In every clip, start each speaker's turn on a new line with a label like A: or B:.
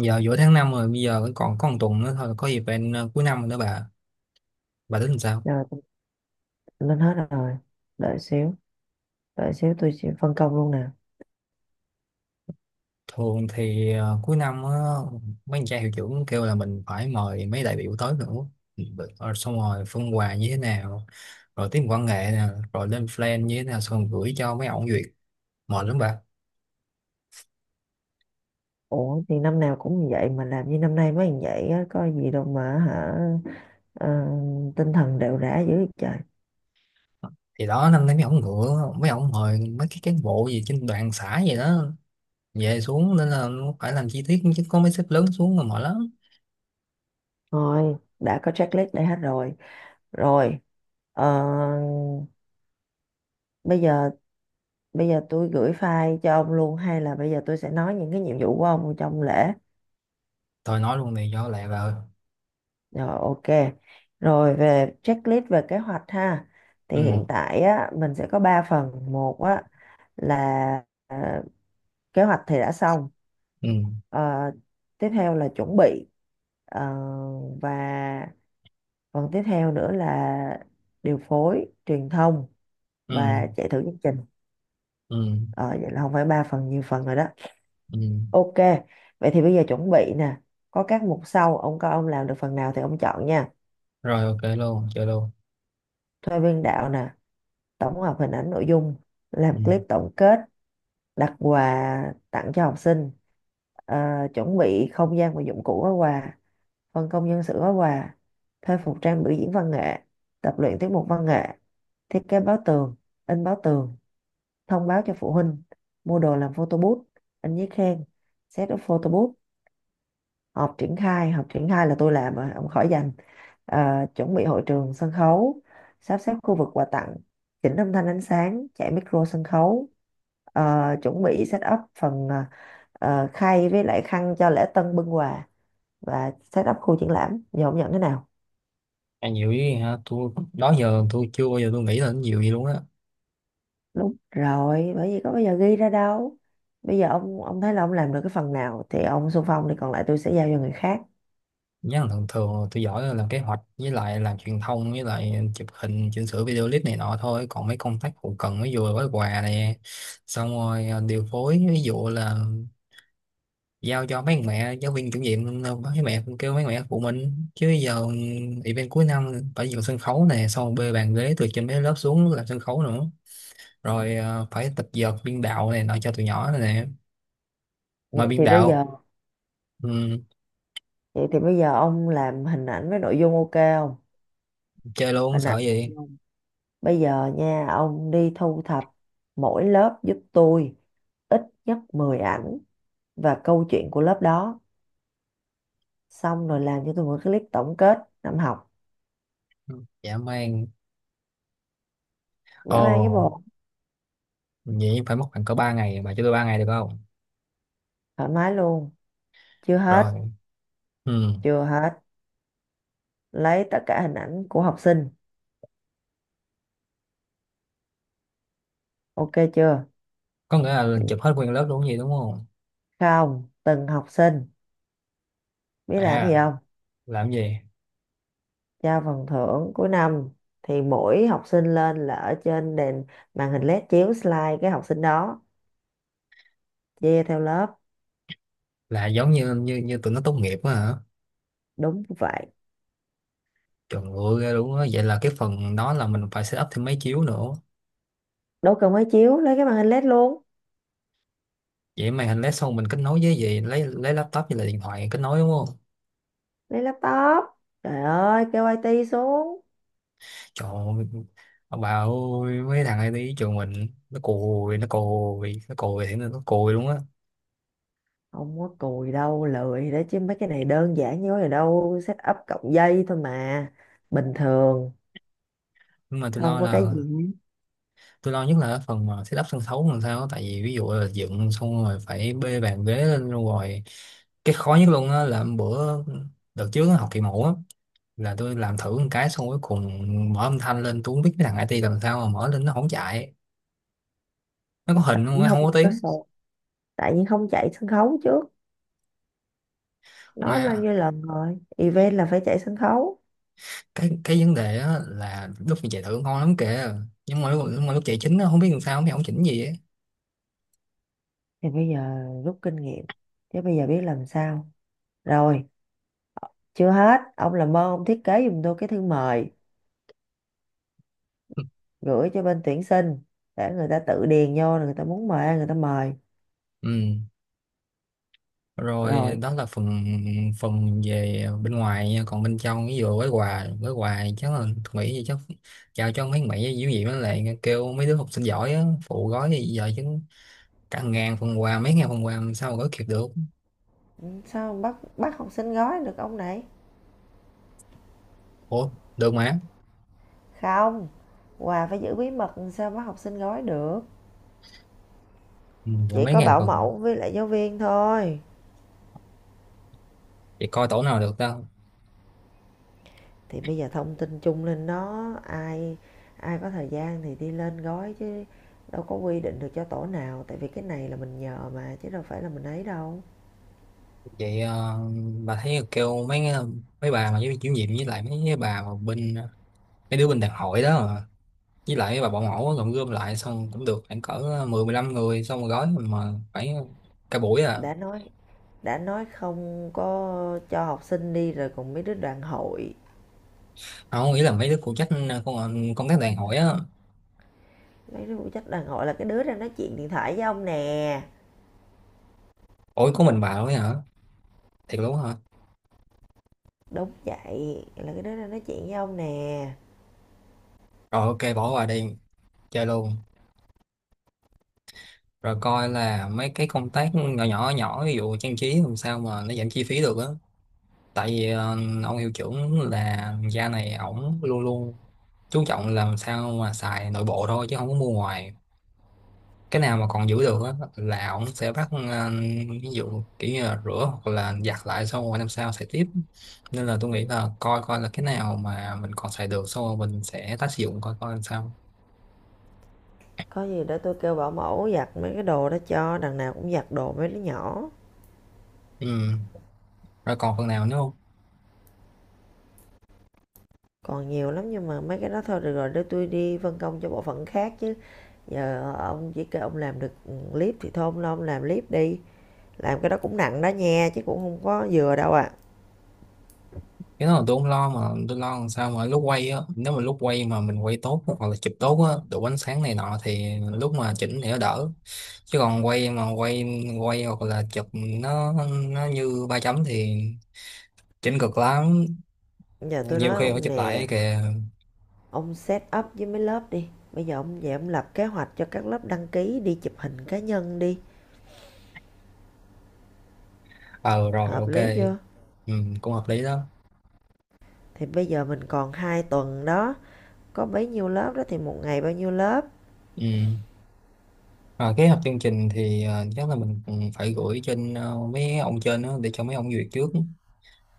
A: Giờ giữa tháng 5 rồi, bây giờ vẫn còn có một tuần nữa thôi là có dịp bạn, cuối năm nữa. Bà tính làm sao?
B: Rồi, con lên hết rồi. Đợi xíu. Đợi xíu tôi sẽ phân công luôn nè.
A: Thường thì cuối năm á, mấy anh trai hiệu trưởng kêu là mình phải mời mấy đại biểu tới nữa, rồi xong rồi phân quà như thế nào, rồi tiết mục văn nghệ nè, rồi lên plan như thế nào, xong rồi gửi cho mấy ông duyệt. Mệt lắm bà.
B: Ủa thì năm nào cũng như vậy mà làm như năm nay mới như vậy á, có gì đâu mà hả. ờ, Tinh thần đều rã dữ vậy trời.
A: Thì đó, năm nay mấy ông ngựa, mấy ông mời mấy cái cán bộ gì trên đoàn xã gì đó về xuống, nên là nó phải làm chi tiết, chứ có mấy sếp lớn xuống là mệt lắm.
B: Thôi, đã có checklist đây hết rồi. Rồi, ờ, bây giờ bây giờ tôi gửi file cho ông luôn hay là bây giờ tôi sẽ nói những cái nhiệm vụ của ông trong lễ.
A: Thôi nói luôn này do lẹ bà ơi.
B: Rồi ok. Rồi về checklist về kế hoạch ha. Thì hiện
A: Ừ.
B: tại á, mình sẽ có 3 phần. Một á, là kế hoạch thì đã xong.
A: Ừ.
B: Ờ, tiếp theo là chuẩn bị. Ờ, và phần tiếp theo nữa là điều phối truyền thông
A: Ừ.
B: và chạy thử chương trình.
A: Ừ,
B: Ờ, vậy là không phải ba phần, nhiều phần rồi đó.
A: ừ.
B: Ok, vậy thì bây giờ chuẩn bị nè, có các mục sau, ông coi ông làm được phần nào thì ông chọn nha.
A: Rồi, ok luôn, chơi luôn.
B: Thuê biên đạo nè, tổng hợp hình ảnh nội dung, làm
A: Ừ.
B: clip tổng kết, đặt quà tặng cho học sinh, ờ, chuẩn bị không gian và dụng cụ gói quà, phân công nhân sự gói quà, thuê phục trang biểu diễn văn nghệ, tập luyện tiết mục văn nghệ, thiết kế báo tường, in báo tường, thông báo cho phụ huynh, mua đồ làm photo booth, in giấy khen, set up photo booth, họp triển khai là tôi làm rồi, ông khỏi dành. Ờ, chuẩn bị hội trường sân khấu, sắp xếp khu vực quà tặng, chỉnh âm thanh ánh sáng, chạy micro sân khấu, chuẩn bị set up phần khay với lại khăn cho lễ tân bưng quà và set up khu triển lãm. Giờ ông nhận thế nào?
A: Ăn nhiều ý ha, tôi đó giờ tôi chưa bao giờ tôi nghĩ đến nhiều vậy luôn á.
B: Đúng rồi, bởi vì có bây giờ ghi ra đâu. Bây giờ ông thấy là ông làm được cái phần nào thì ông xung phong, thì còn lại tôi sẽ giao cho người khác.
A: Nhớ là thường thường tôi giỏi là làm kế hoạch, với lại làm truyền thông, với lại chụp hình chỉnh sửa video clip này nọ thôi, còn mấy công tác hậu cần ví dụ là gói quà này, xong rồi à, điều phối ví dụ là giao cho mấy mẹ giáo viên chủ nhiệm à, mấy mẹ kêu mấy mẹ phụ mình chứ giờ. Ừ, event cuối năm phải dựng sân khấu này, xong bê bàn ghế từ trên mấy lớp xuống làm sân khấu nữa, rồi phải tập dượt biên đạo này nọ cho tụi nhỏ này nè, mà biên
B: thì bây
A: đạo.
B: giờ
A: Ừ,
B: thì bây giờ ông làm hình ảnh với nội dung ok không?
A: chơi luôn
B: Hình ảnh
A: sợ
B: nội
A: gì.
B: dung. Bây giờ nha, ông đi thu thập mỗi lớp giúp tôi ít nhất 10 ảnh và câu chuyện của lớp đó, xong rồi làm cho tôi một clip tổng kết năm học.
A: Ừ, dạ mang.
B: Dã man với
A: Ồ,
B: bồ.
A: vậy phải mất khoảng cỡ 3 ngày, bà cho tôi 3 ngày được không?
B: Thoải mái luôn. Chưa hết.
A: Rồi. Ừ.
B: Chưa hết, lấy tất cả hình ảnh của học sinh, ok chưa?
A: Có nghĩa là chụp hết nguyên lớp luôn gì đúng không?
B: Không, từng học sinh. Biết làm gì
A: À,
B: không?
A: làm gì?
B: Trao phần thưởng cuối năm thì mỗi học sinh lên là ở trên đèn, màn hình LED chiếu slide cái học sinh đó, chia theo lớp.
A: Là giống như như như tụi nó tốt nghiệp á hả?
B: Đúng vậy.
A: Trời ơi, ghê luôn á, vậy là cái phần đó là mình phải set up thêm máy chiếu nữa.
B: Đâu cần máy chiếu, lấy cái màn hình LED luôn.
A: Vậy màn hình LED xong mình kết nối với gì, lấy laptop như là điện thoại kết nối đúng không?
B: Lấy laptop. Trời ơi, kêu IT xuống.
A: Trời ơi, ông bà ơi, mấy thằng này đi trường mình, nó cùi, nó cùi, nó cùi thì nó cùi luôn á.
B: Không có cùi đâu, lười đó chứ, mấy cái này đơn giản, như vậy đâu, set up cộng dây thôi mà. Bình thường.
A: Nhưng mà tôi
B: Không
A: lo
B: có cái
A: là,
B: gì.
A: tôi lo nhất là cái phần mà setup sân khấu làm sao á. Tại vì ví dụ là dựng xong rồi phải bê bàn ghế lên luôn rồi. Cái khó nhất luôn á là hôm bữa, đợt trước á, học kỳ mẫu á, là tôi làm thử một cái, xong cuối cùng mở âm thanh lên tôi không biết cái thằng IT làm sao mà mở lên nó không chạy. Nó có hình không,
B: Cũng
A: nó không có
B: không có
A: tiếng.
B: số, tại nhiên không chạy sân khấu trước. Nói bao
A: Mà
B: nhiêu lần rồi, event là phải chạy sân khấu.
A: cái vấn đề á là lúc mà chạy thử ngon lắm kìa, nhưng mà lúc chạy chính á không biết làm sao mày không chỉnh gì á.
B: Thì bây giờ rút kinh nghiệm, chứ bây giờ biết làm sao. Rồi, chưa hết, ông làm ơn ông thiết kế giùm tôi cái thư mời, gửi cho bên tuyển sinh để người ta tự điền vô, người ta muốn mời ai người ta mời.
A: Ừ. Rồi
B: Rồi.
A: đó là phần phần về bên ngoài nha, còn bên trong ví dụ gói quà, gói quà chắc là, tôi nghĩ gì chắc chào cho mấy mẹ dữ gì đó, lại kêu mấy đứa học sinh giỏi á phụ gói thì giờ chứ, cả ngàn phần quà, mấy ngàn phần quà làm sao mà gói kịp được.
B: Ừ, sao ông bắt bắt học sinh gói được ông này.
A: Ủa được mà.
B: Không, quà phải giữ bí mật, làm sao bắt học sinh gói được.
A: Ừ, giờ
B: Chỉ
A: mấy
B: có
A: ngàn
B: bảo
A: phần
B: mẫu với lại giáo viên thôi.
A: thì coi tổ nào được ta.
B: Thì bây giờ thông tin chung lên đó, ai ai có thời gian thì đi lên gói chứ, đâu có quy định được cho tổ nào, tại vì cái này là mình nhờ mà, chứ đâu phải là mình ấy đâu.
A: Vậy bà thấy kêu mấy mấy bà mà với chủ nhiệm, với lại mấy cái bà mà bên, mấy đứa bên đàn hội đó mà, với lại bà bảo mẫu á, gom gom lại xong cũng được khoảng cỡ 10-15 người, xong rồi gói mà phải cả buổi à.
B: Đã nói, đã nói không có cho học sinh đi rồi, còn mấy đứa đoàn hội.
A: Mà không nghĩ là mấy đứa phụ trách công, công tác đàn hội á.
B: Mấy đứa phụ trách đoàn hội là cái đứa ra nói chuyện điện thoại với ông nè.
A: Ủa có mình bà thôi hả? Thiệt luôn hả?
B: Đúng vậy, là cái đứa ra nói chuyện với ông nè.
A: Rồi ok, bỏ qua đi, chơi luôn. Rồi coi là mấy cái công tác nhỏ nhỏ nhỏ, ví dụ trang trí làm sao mà nó giảm chi phí được á. Tại vì ông hiệu trưởng là gia này, ổng luôn luôn chú trọng làm sao mà xài nội bộ thôi chứ không có mua ngoài. Cái nào mà còn giữ được á là ổng sẽ bắt, ví dụ kiểu như là rửa hoặc là giặt lại, xong rồi năm sau xài tiếp. Nên là tôi nghĩ là coi coi là cái nào mà mình còn xài được, xong rồi mình sẽ tái sử dụng, coi coi làm sao.
B: Có gì để tôi kêu bảo mẫu giặt mấy cái đồ đó cho, đằng nào cũng giặt đồ mấy đứa nhỏ.
A: Ừ. Rồi còn phần nào nữa không?
B: Còn nhiều lắm nhưng mà mấy cái đó thôi được rồi, để tôi đi phân công cho bộ phận khác chứ. Giờ ông chỉ kêu ông làm được, ừ, clip thì thôi ông lo ông làm clip đi, làm cái đó cũng nặng đó nha chứ cũng không có vừa đâu ạ.
A: Cái đó là tôi không lo, mà tôi lo làm sao mà lúc quay á, nếu mà lúc quay mà mình quay tốt hoặc là chụp tốt á, đủ ánh sáng này nọ, thì lúc mà chỉnh thì nó đỡ, chứ còn quay mà quay quay hoặc là chụp, nó nó như ba chấm thì chỉnh cực lắm.
B: À, giờ tôi
A: Nhiều
B: nói
A: khi phải
B: ông
A: chụp lại
B: nè,
A: kìa.
B: ông set up với mấy lớp đi, bây giờ ông về ông lập kế hoạch cho các lớp đăng ký đi chụp hình cá nhân đi,
A: Ờ Rồi
B: hợp
A: ok.
B: lý chưa?
A: Ừ, cũng hợp lý đó.
B: Thì bây giờ mình còn 2 tuần đó, có bấy nhiêu lớp đó thì một ngày bao nhiêu lớp.
A: Ừ. Rồi kế hoạch chương trình thì chắc là mình cũng phải gửi trên, mấy ông trên đó để cho mấy ông duyệt trước,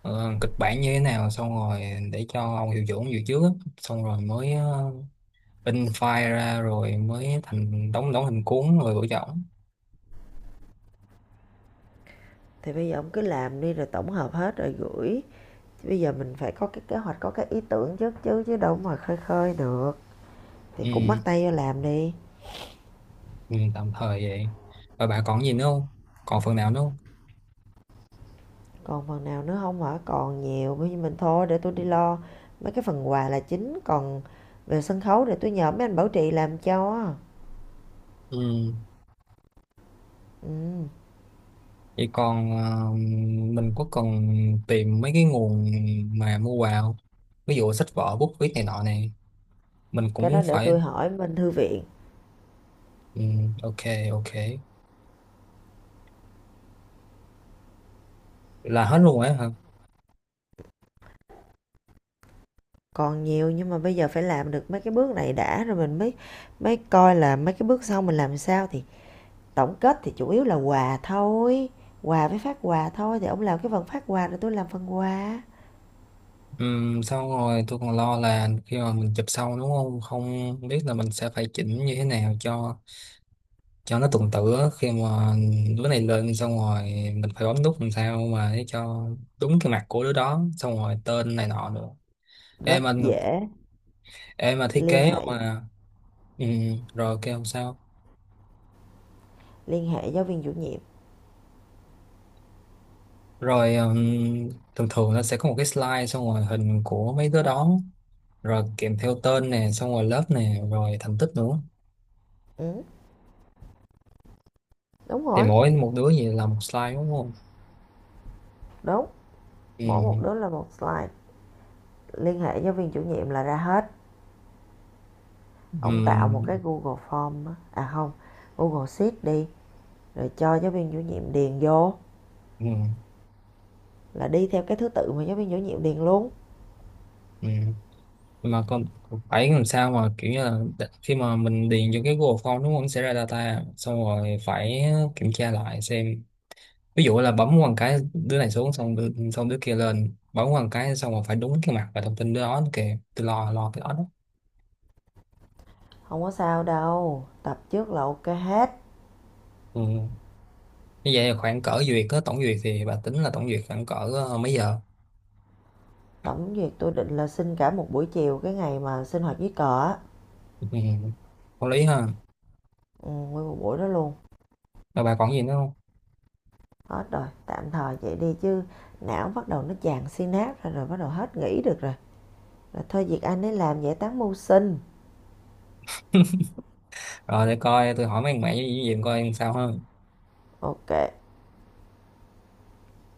A: kịch bản như thế nào, xong rồi để cho ông Hiệu Trưởng dự trước á. Xong rồi mới in file ra, rồi mới thành đóng đóng hình cuốn, rồi gửi cho ổng.
B: Thì bây giờ ông cứ làm đi rồi tổng hợp hết rồi gửi. Bây giờ mình phải có cái kế hoạch, có cái ý tưởng trước chứ, chứ đâu mà khơi khơi được. Thì cũng
A: Ừ.
B: bắt tay vô làm đi.
A: Ừ, tạm thời vậy. Và bà còn gì nữa không? Còn phần nào nữa không?
B: Còn phần nào nữa không hả? Còn nhiều, bây giờ mình thôi để tôi đi lo mấy cái phần quà là chính, còn về sân khấu để tôi nhờ mấy anh bảo trì làm cho.
A: Ừ.
B: Ừ.
A: Vậy còn mình có cần tìm mấy cái nguồn mà mua quà không? Ví dụ sách vở bút viết này nọ này, mình
B: Cái
A: cũng
B: đó để
A: phải.
B: tôi hỏi bên thư viện.
A: Ừ, ok. Ok, là hết luôn ấy hả?
B: Còn nhiều nhưng mà bây giờ phải làm được mấy cái bước này đã, rồi mình mới mới coi là mấy cái bước sau mình làm sao. Thì tổng kết thì chủ yếu là quà thôi, quà với phát quà thôi, thì ông làm cái phần phát quà rồi tôi làm phần quà.
A: Xong rồi tôi còn lo là khi mà mình chụp sau đúng không, không biết là mình sẽ phải chỉnh như thế nào cho nó tuần tự á. Khi mà đứa này lên xong rồi, mình phải bấm nút làm sao mà để cho đúng cái mặt của đứa đó, xong rồi tên này nọ nữa. Em
B: Rất
A: anh
B: dễ.
A: Em mà thiết
B: Liên
A: kế
B: hệ.
A: mà. ừm, Rồi kêu không sao.
B: Liên hệ giáo viên chủ nhiệm.
A: Rồi thường thường nó sẽ có một cái slide, xong rồi hình của mấy đứa đó, rồi kèm theo tên nè, xong rồi lớp nè, rồi thành tích nữa.
B: Ừ, đúng
A: Thì
B: rồi.
A: mỗi một đứa gì là một slide đúng không?
B: Đúng. Mỗi
A: Ừ.
B: một đứa là một slide. Liên hệ giáo viên chủ nhiệm là ra hết.
A: Ừ,
B: Ông tạo một cái Google Form á. À không, Google Sheet đi, rồi cho giáo viên chủ nhiệm điền vô,
A: ừ,
B: là đi theo cái thứ tự mà giáo viên chủ nhiệm điền luôn.
A: ừ. Mà con phải làm sao mà kiểu như là, khi mà mình điền vô cái Google Form đúng không, nó sẽ ra data, xong rồi phải kiểm tra lại xem, ví dụ là bấm một cái đứa này xuống, xong đứa kia lên, bấm một cái xong rồi phải đúng cái mặt và thông tin đứa đó kìa, tôi lo lo cái đó đó.
B: Không có sao đâu, tập trước là ok hết.
A: Ừ. Như vậy là khoảng cỡ duyệt á, tổng duyệt thì bà tính là tổng duyệt khoảng cỡ mấy giờ?
B: Tổng duyệt tôi định là xin cả một buổi chiều cái ngày mà sinh hoạt dưới cờ á.
A: Ừ. Có lý ha.
B: Ừ, nguyên một buổi đó luôn.
A: Rồi bà còn gì nữa không?
B: Hết rồi, tạm thời vậy đi chứ, não bắt đầu nó chàng synapse rồi, rồi bắt đầu hết nghĩ được rồi. Rồi thôi, việc anh ấy làm, giải tán mưu sinh.
A: Rồi để coi tôi hỏi mấy thằng mẹ với gì coi làm sao ha.
B: Ok.